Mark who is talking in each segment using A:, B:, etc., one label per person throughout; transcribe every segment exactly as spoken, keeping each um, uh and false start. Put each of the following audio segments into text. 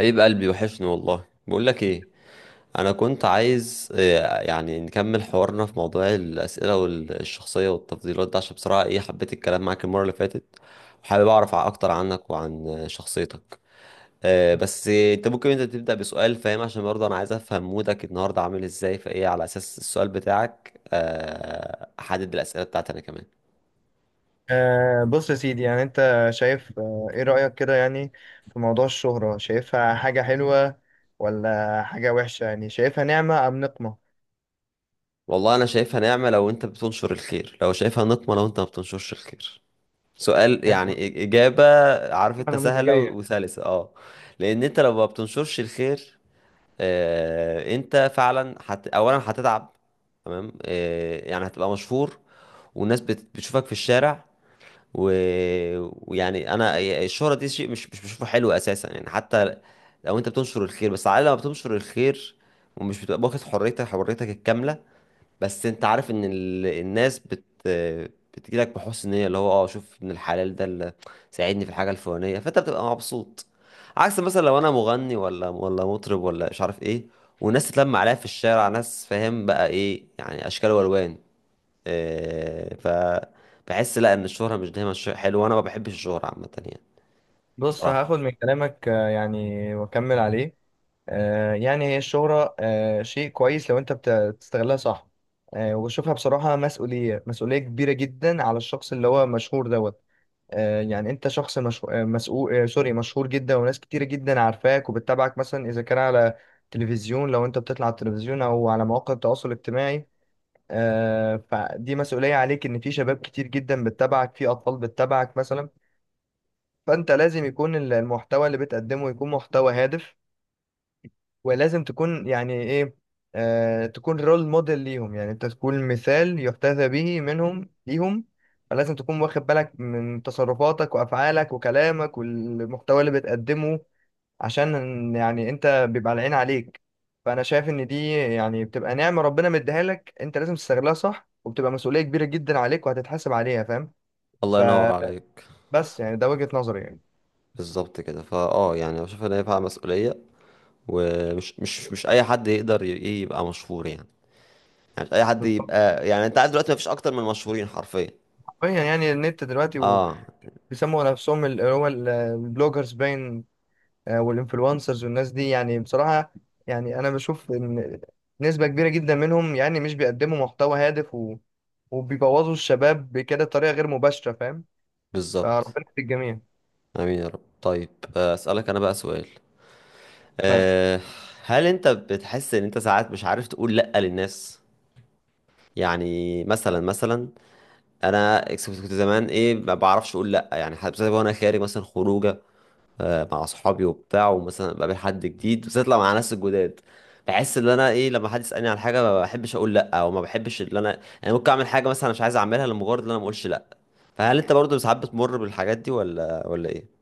A: حبيب قلبي، وحشني والله. بقول لك ايه، انا كنت عايز، آه، يعني نكمل حوارنا في موضوع الاسئله والشخصيه والتفضيلات ده، عشان بصراحه ايه، حبيت الكلام معاك المره اللي فاتت. وحابب اعرف ع- اكتر عنك وعن آه، شخصيتك. آه، بس آه، انت ممكن انت تبدا بسؤال، فاهم؟ عشان برضه انا عايز افهم مودك النهارده عامل ازاي، فايه، على اساس السؤال بتاعك آه، احدد الاسئله بتاعتي انا كمان.
B: آه بص يا سيدي، يعني انت شايف آه ايه رأيك كده؟ يعني في موضوع الشهرة، شايفها حاجة حلوة ولا حاجة وحشة؟ يعني شايفها نعمة أم نقمة؟
A: والله انا شايفها نعمه لو انت بتنشر الخير، لو شايفها نقمه لو انت ما بتنشرش الخير. سؤال
B: حلو.
A: يعني إج- إجابة. عارف أنت
B: انا
A: سهلة و-
B: نموذجيه.
A: وسلسة، أه. لأن أنت لو ما بتنشرش الخير، آه أنت فعلا هت... أولا هتتعب. تمام. آه يعني هتبقى مشهور، والناس بت... بتشوفك في الشارع، و... ويعني أنا الشهرة دي شيء مش مش بشوفه حلو أساسا، يعني حتى لو أنت بتنشر الخير، بس على الأقل لما بتنشر الخير، ومش بتبقى واخد حريتك، حريتك الكاملة. بس انت عارف ان ال... الناس بت بتجيلك بحسن نية، اللي هو اه شوف ان الحلال ده اللي ساعدني في الحاجة الفلانية، فانت بتبقى مبسوط. عكس مثلا لو انا مغني ولا ولا مطرب ولا مش عارف ايه، والناس تتلم عليا في الشارع، ناس، فاهم بقى ايه يعني، اشكال والوان. إيه ف بحس لا، ان الشهرة مش دايما شيء حلو، وانا ما بحبش الشهرة عامة يعني.
B: بص
A: بصراحة.
B: هاخد من كلامك آه يعني واكمل عليه. آه يعني هي الشهرة آه شيء كويس لو انت بت- بتستغلها صح. آه وبشوفها بصراحة مسؤولية مسؤولية كبيرة جدا على الشخص اللي هو مشهور دوت. آه، يعني انت شخص مش... مسؤول، آه، سوري، مشهور جدا وناس كتير جدا عارفاك وبتتابعك، مثلا اذا كان على تلفزيون، لو انت بتطلع على التلفزيون او على مواقع التواصل الاجتماعي. آه، فدي مسؤولية عليك، ان في شباب كتير جدا بتتابعك، في اطفال بتتابعك مثلا. فانت لازم يكون ال- المحتوى اللي بتقدمه يكون محتوى هادف، ولازم تكون يعني ايه، آه تكون رول موديل ليهم، يعني انت تكون مثال يحتذى به منهم ليهم. فلازم تكون واخد بالك من تصرفاتك وافعالك وكلامك والمحتوى اللي بتقدمه، عشان يعني انت بيبقى العين عليك. فانا شايف ان دي يعني بتبقى نعمة ربنا مديها لك، انت لازم تستغلها صح، وبتبقى مسؤولية كبيرة جدا عليك وهتتحاسب عليها، فاهم؟
A: الله ينور
B: فبس،
A: عليك.
B: يعني ده وجهة نظري يعني.
A: بالظبط كده، فا اه يعني بشوف ان هي فيها مسؤولية. ومش مش مش اي حد يقدر ي- ايه يبقى مشهور يعني، عشان اي حد
B: بالظبط
A: يبقى، يعني انت عارف دلوقتي مفيش اكتر من مشهورين حرفيا.
B: حرفيا، يعني النت دلوقتي
A: اه.
B: وبيسموا نفسهم اللي هو ال- البلوجرز، باين، آه، والانفلونسرز والناس دي، يعني بصراحة يعني انا بشوف ان نسبة كبيرة جدا منهم يعني مش بيقدموا محتوى هادف، و... وبيبوظوا الشباب بكده بطريقة غير مباشرة، فاهم؟
A: بالظبط.
B: فربنا في الجميع.
A: امين يا رب. طيب، آه، اسالك انا بقى سؤال؟
B: طيب.
A: أه. هل انت بتحس ان انت ساعات مش عارف تقول لا للناس؟ يعني مثلا مثلا، انا كنت زمان ايه، ما بعرفش اقول لا، يعني حتى بالذات وانا خارج مثلا خروجه، آه، مع اصحابي وبتاع، ومثلا بقابل حد جديد بالذات لو مع ناس الجداد، بحس ان انا ايه، لما حد يسالني عن حاجه ما بحبش اقول لا، او ما بحبش ان انا يعني ممكن اعمل حاجه مثلا مش عايز اعملها لمجرد ان انا ما اقولش لا. فهل انت برضه ساعات بتمر بالحاجات دي، ولا ولا ايه؟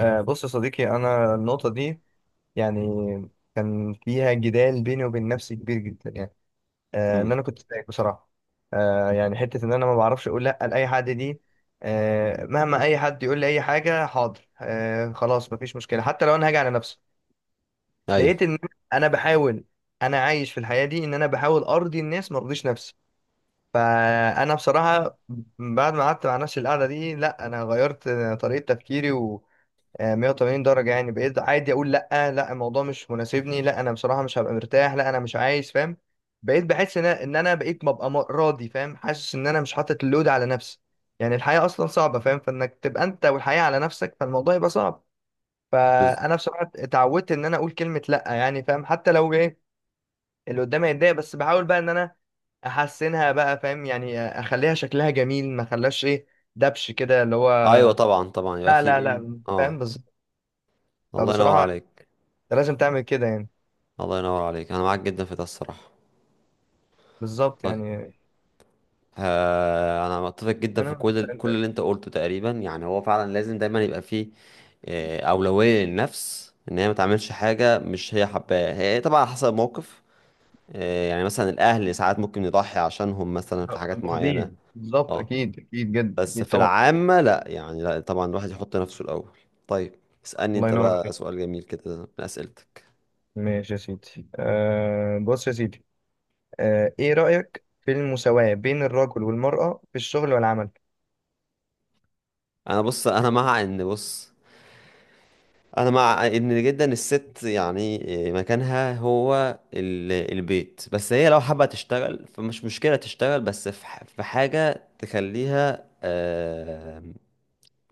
B: آه، بص يا صديقي، انا النقطة دي يعني كان فيها جدال بيني وبين نفسي كبير جدا يعني. آه، ان
A: امم.
B: انا كنت سايق بصراحة، آه، يعني حتة ان انا ما بعرفش اقول لا لأي حد دي. آه، مهما اي حد يقول لي اي حاجة، حاضر، آه، خلاص مفيش مشكلة، حتى لو انا هاجي على نفسي. لقيت
A: ايوه.
B: ان انا بحاول، انا عايش في الحياه دي ان انا بحاول ارضي الناس ما ارضيش نفسي. فانا بصراحه بعد ما قعدت مع نفسي القعده دي، لا، انا غيرت طريقه تفكيري و مية وتمانين درجه. يعني بقيت عادي اقول لا، لا الموضوع مش مناسبني، لا انا بصراحه مش هبقى مرتاح، لا انا مش عايز، فاهم؟ بقيت بحس ان انا إن أنا بقيت ببقى م- راضي، فاهم، حاسس ان انا مش حاطط اللود على نفسي. يعني الحياه اصلا صعبه فاهم، فانك تبقى انت والحياه على نفسك، فالموضوع يبقى صعب.
A: بز...
B: فانا بصراحه اتعودت ان انا اقول كلمه لا، يعني فاهم، حتى لو ايه اللي قدامي يتضايق، بس بحاول بقى ان انا احسنها بقى، فاهم، يعني اخليها شكلها جميل، ما اخليهاش ايه، دبش كده اللي هو،
A: ايوه، طبعا طبعا يبقى
B: لا
A: في
B: لا
A: ايه.
B: لا، فاهم
A: اه.
B: بالظبط.
A: الله ينور
B: فبصراحه
A: عليك.
B: انت لازم تعمل كده يعني.
A: الله ينور عليك، انا معاك جدا في ده الصراحه.
B: بالظبط
A: طيب.
B: يعني.
A: آه انا متفق جدا في
B: كلام
A: كل ال- كل اللي انت قلته تقريبا، يعني هو فعلا لازم دايما يبقى فيه آه، اولويه للنفس ان هي ما تعملش حاجه مش هي حباها، هي طبعا على حسب الموقف. آه، يعني مثلا الاهل ساعات ممكن يضحي عشانهم مثلا في حاجات معينه.
B: طبيعي بالظبط،
A: اه.
B: اكيد اكيد جدا،
A: بس
B: اكيد
A: في
B: طبعا.
A: العامة لا، يعني لا طبعا الواحد يحط نفسه الأول. طيب. اسألني
B: الله
A: انت
B: ينور
A: بقى
B: عليك.
A: سؤال جميل كده من أسئلتك.
B: ماشي يا سيدي، أه بص يا سيدي، أه ايه رايك في المساواه بين الرجل والمراه في الشغل والعمل؟
A: انا بص، انا مع ان، بص، انا مع ان جدا الست يعني، مكانها هو ال- البيت، بس هي لو حابة تشتغل فمش مشكلة تشتغل، بس في ح- في حاجة تخليها، آه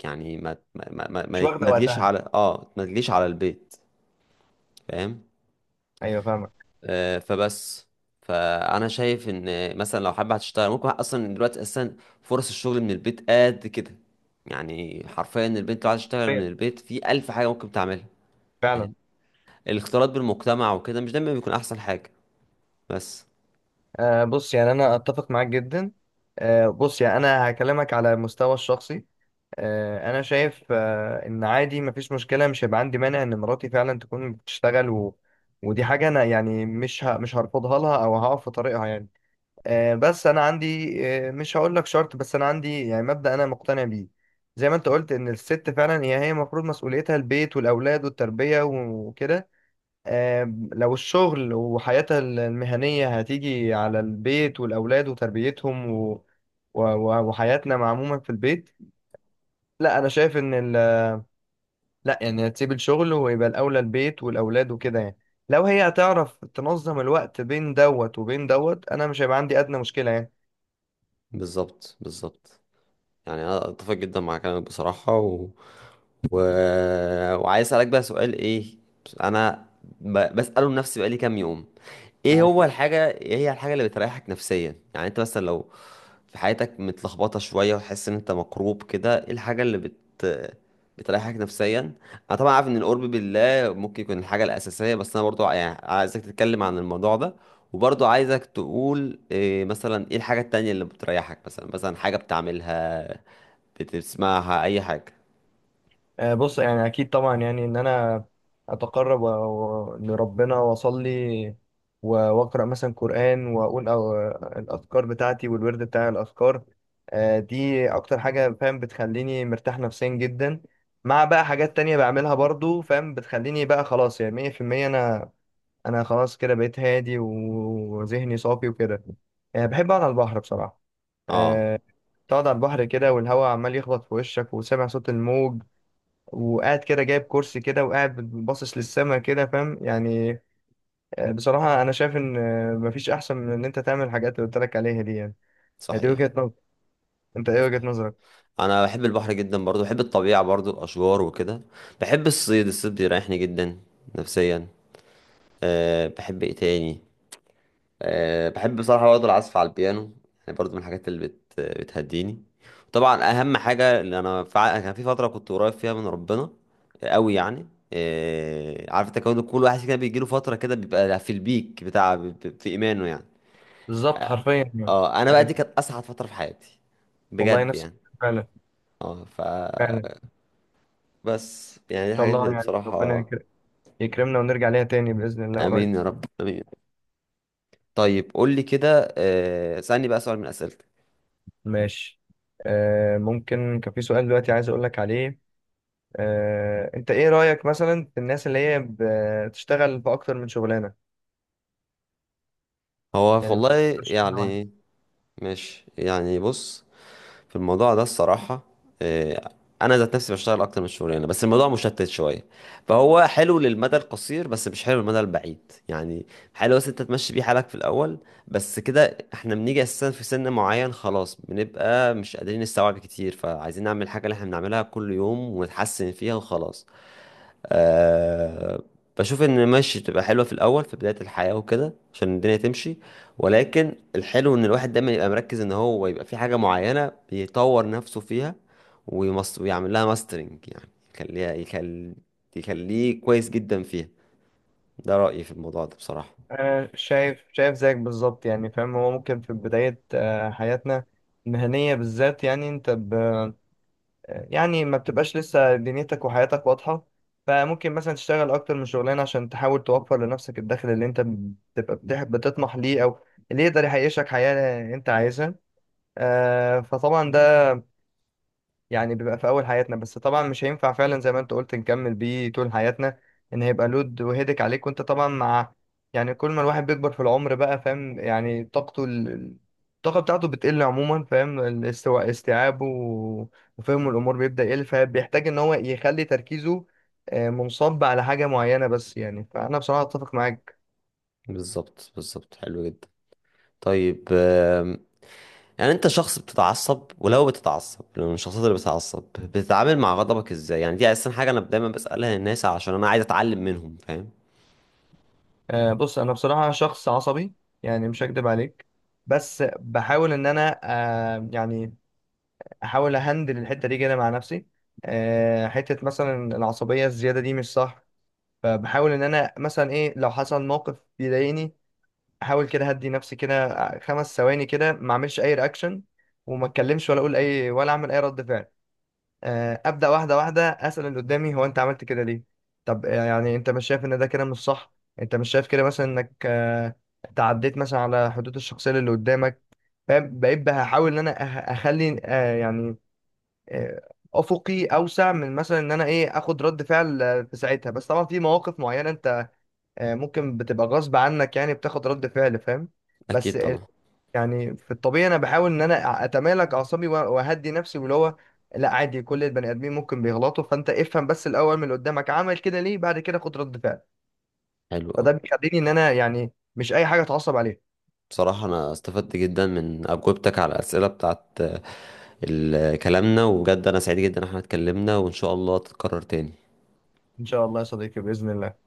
A: يعني ما ما ما
B: مش
A: ما,
B: واخده
A: ما تجيش
B: وقتها.
A: على اه ما تجيش على البيت. فاهم.
B: ايوه فاهمك.
A: آه، فبس، فانا شايف ان مثلا لو حابه هتشتغل، ممكن اصلا دلوقتي اساسا فرص الشغل من البيت قد كده، يعني حرفيا البنت لو عايزه تشتغل من
B: طيب.
A: البيت في الف حاجه ممكن تعملها.
B: فعلا.
A: فاهم. الاختلاط بالمجتمع وكده مش دايما بيكون احسن حاجه. بس.
B: آه بص يعني انا اتفق معاك جدا. آه بص يعني انا هكلمك على المستوى الشخصي. آه انا شايف آه ان عادي مفيش مشكله، مش هيبقى عندي مانع ان مراتي فعلا تكون بتشتغل، و... ودي حاجه انا يعني مش ه... مش هرفضها لها او هقف في طريقها يعني. آه بس انا عندي، آه مش هقول لك شرط، بس انا عندي يعني مبدأ انا مقتنع بيه. زي ما انت قلت ان الست فعلا هي هي المفروض مسؤوليتها البيت والاولاد والتربيه وكده. آم، لو الشغل وحياتها المهنية هتيجي على البيت والأولاد وتربيتهم و... و... و- وحياتنا مع عموما في البيت، لا أنا شايف إن ال... لا يعني هتسيب الشغل ويبقى الأولى البيت والأولاد وكده يعني. لو هي هتعرف تنظم الوقت بين دوت وبين دوت أنا مش هيبقى عندي أدنى مشكلة.
A: بالظبط بالظبط، يعني انا اتفق جدا مع كلامك بصراحه، و... و... وعايز اسالك بقى سؤال، ايه، انا ب... بساله لنفسي بقالي كام يوم، ايه هو
B: يعني
A: الحاجة ايه هي الحاجة اللي بتريحك نفسيا، يعني انت مثلا لو في حياتك متلخبطة شوية وحاسس ان انت مكروب كده، ايه الحاجة اللي بت بتريحك نفسيا؟ انا طبعا عارف ان القرب بالله ممكن يكون الحاجة الأساسية، بس انا برضو يعني عايزك تتكلم عن الموضوع ده، وبرضو عايزك تقول إيه مثلا، ايه الحاجة التانية اللي بتريحك، مثلا مثلا حاجة بتعملها، بتسمعها، اي حاجة.
B: آه، بص يعني اكيد طبعا يعني ان انا اتقرب و- و- لربنا واصلي و- واقرا مثلا قران واقول أو الاذكار بتاعتي والورد بتاع الاذكار. آه، دي اكتر حاجه فاهم بتخليني مرتاح نفسيا جدا، مع بقى حاجات تانية بعملها برضو فاهم، بتخليني بقى خلاص يعني مية في المية انا انا خلاص كده بقيت هادي و- وذهني صافي وكده. آه، بحب اقعد على البحر بصراحه.
A: اه.
B: آه، تقعد على البحر كده والهواء عمال يخبط في وشك وسامع صوت الموج، وقاعد كده جايب كرسي كده وقاعد باصص للسما كده، فاهم يعني. آه، بصراحة أنا شايف إن، آه، مفيش أحسن من إن أنت تعمل الحاجات اللي قلت لك عليها دي يعني. يعني دي
A: صحيح.
B: وجهة نظر، أنت إيه وجهة نظرك؟
A: انا بحب البحر جدا، برضو بحب الطبيعه برضو الاشجار وكده. بحب الصيد، الصيد بيريحني جدا نفسيا. أه بحب ايه تاني؟ أه بحب بصراحه برضو العزف على البيانو، يعني برضو من الحاجات اللي بت بتهديني. طبعا اهم حاجه اللي انا فع- كان في فتره كنت قريب فيها من ربنا قوي يعني. أه عارف انت كون كل واحد كده بيجيله فتره كده بيبقى في البيك بتاع في ايمانه يعني.
B: بالظبط حرفيا يعني.
A: اه انا بقى دي
B: أيوة.
A: كانت اسعد فتره في حياتي،
B: والله
A: بجد
B: نفس،
A: يعني.
B: فعلا.
A: اه ف
B: فعلا. إن
A: بس يعني دي
B: شاء
A: الحاجات
B: الله
A: اللي
B: يعني ربنا
A: بصراحة.
B: يكر- يكرمنا ونرجع ليها تاني بإذن الله قريب.
A: آمين يا رب، آمين. طيب، قول لي كده، آه، اسألني بقى سؤال من أسئلتك.
B: ماشي. آه ممكن كان في سؤال دلوقتي عايز أقول لك عليه. آه أنت إيه رأيك مثلا في الناس اللي هي بتشتغل في أكتر من شغلانة؟
A: هو
B: يعني
A: والله، يعني، ماشي يعني، بص، في الموضوع ده الصراحة، آه، أنا ذات نفسي بشتغل أكتر من الشغلانة، بس الموضوع مشتت شوية، فهو حلو للمدى القصير، بس مش حلو للمدى البعيد يعني. حلو، بس أنت تمشي بيه حالك في الأول، بس كده احنا بنيجي أساسا في سن معين خلاص، بنبقى مش قادرين نستوعب كتير، فعايزين نعمل الحاجة اللي احنا بنعملها كل يوم ونتحسن فيها وخلاص. أه بشوف ان ماشي تبقى حلوه في الاول في بدايه الحياه وكده، عشان الدنيا تمشي. ولكن الحلو ان الواحد دايما يبقى مركز، ان هو يبقى في حاجه معينه بيطور نفسه فيها، ويمس... ويعمل لها ماسترنج يعني، يخليها يخل... يخليه كويس جدا فيها. ده رايي في الموضوع ده بصراحه.
B: أنا شايف شايف زيك بالظبط يعني فاهم، هو ممكن في بداية آه، حياتنا المهنية بالذات، يعني أنت ب... يعني ما بتبقاش لسه دنيتك وحياتك واضحة، فممكن مثلا تشتغل أكتر من شغلانة عشان تحاول توفر لنفسك الدخل اللي أنت بتبقى بتح- بتطمح ليه، أو اللي يقدر يعيشك حياة أنت عايزها. آه، فطبعا ده يعني بيبقى في اول حياتنا، بس طبعا مش هينفع فعلا زي ما انت قلت نكمل بيه طول حياتنا، ان هيبقى لود وهيدك عليك، وانت طبعا مع، يعني كل ما الواحد بيكبر في العمر بقى فاهم، يعني طاقته ال... ال- الطاقة بتاعته بتقل عموما فاهم، الاستواء استيعابه و- وفهمه الامور بيبدأ يقل، فبيحتاج ان هو يخلي تركيزه آه، منصب على حاجة معينة بس يعني، فانا بصراحة اتفق معاك.
A: بالظبط بالظبط، حلو جدا. طيب، يعني انت شخص بتتعصب؟ ولو بتتعصب، لو من الشخصيات اللي بتتعصب، بتتعامل مع غضبك ازاي؟ يعني دي اساسا حاجه انا دايما بسالها الناس، عشان انا عايز اتعلم منهم، فاهم؟
B: آه، بص انا بصراحة شخص عصبي يعني، مش هكدب عليك. بس بحاول ان انا آه، يعني احاول اهندل الحته دي كده مع نفسي. آه، حته مثلا العصبيه الزياده دي مش صح، فبحاول ان انا مثلا ايه لو حصل موقف بيضايقني احاول كده هدي نفسي كده خمس ثواني كده، ما اعملش اي رياكشن وما اتكلمش ولا اقول اي ولا اعمل اي رد فعل. آه، ابدا واحده واحده، اسال اللي قدامي هو انت عملت كده ليه؟ طب آه، يعني انت مش شايف ان ده كده مش صح؟ انت مش شايف كده مثلا انك آه، تعديت مثلا على حدود الشخصيه اللي قدامك؟ فاهم؟ بقيت بحاول ان انا أه- اخلي آه، يعني آه، افقي اوسع من مثلا ان انا ايه اخد رد فعل آه، في ساعتها، بس طبعا في مواقف معينه انت آه، ممكن بتبقى غصب عنك يعني بتاخد رد فعل، فاهم؟ بس
A: اكيد
B: ال-
A: طبعا.
B: يعني في الطبيعي انا بحاول ان انا اتمالك اعصابي وأ- واهدي نفسي واللي هو لا عادي كل البني ادمين ممكن بيغلطوا، فانت افهم بس الاول من اللي قدامك عمل كده ليه، بعد كده خد رد فعل.
A: حلو قوي.
B: فده بيخليني ان انا يعني مش اي حاجه اتعصب عليها.
A: بصراحه انا استفدت جدا من اجوبتك على الاسئله بتاعت آه، ال- كلامنا، وبجد انا سعيد جدا ان احنا اتكلمنا، وان شاء الله تتكرر تاني.
B: ان شاء الله يا صديقي، باذن الله.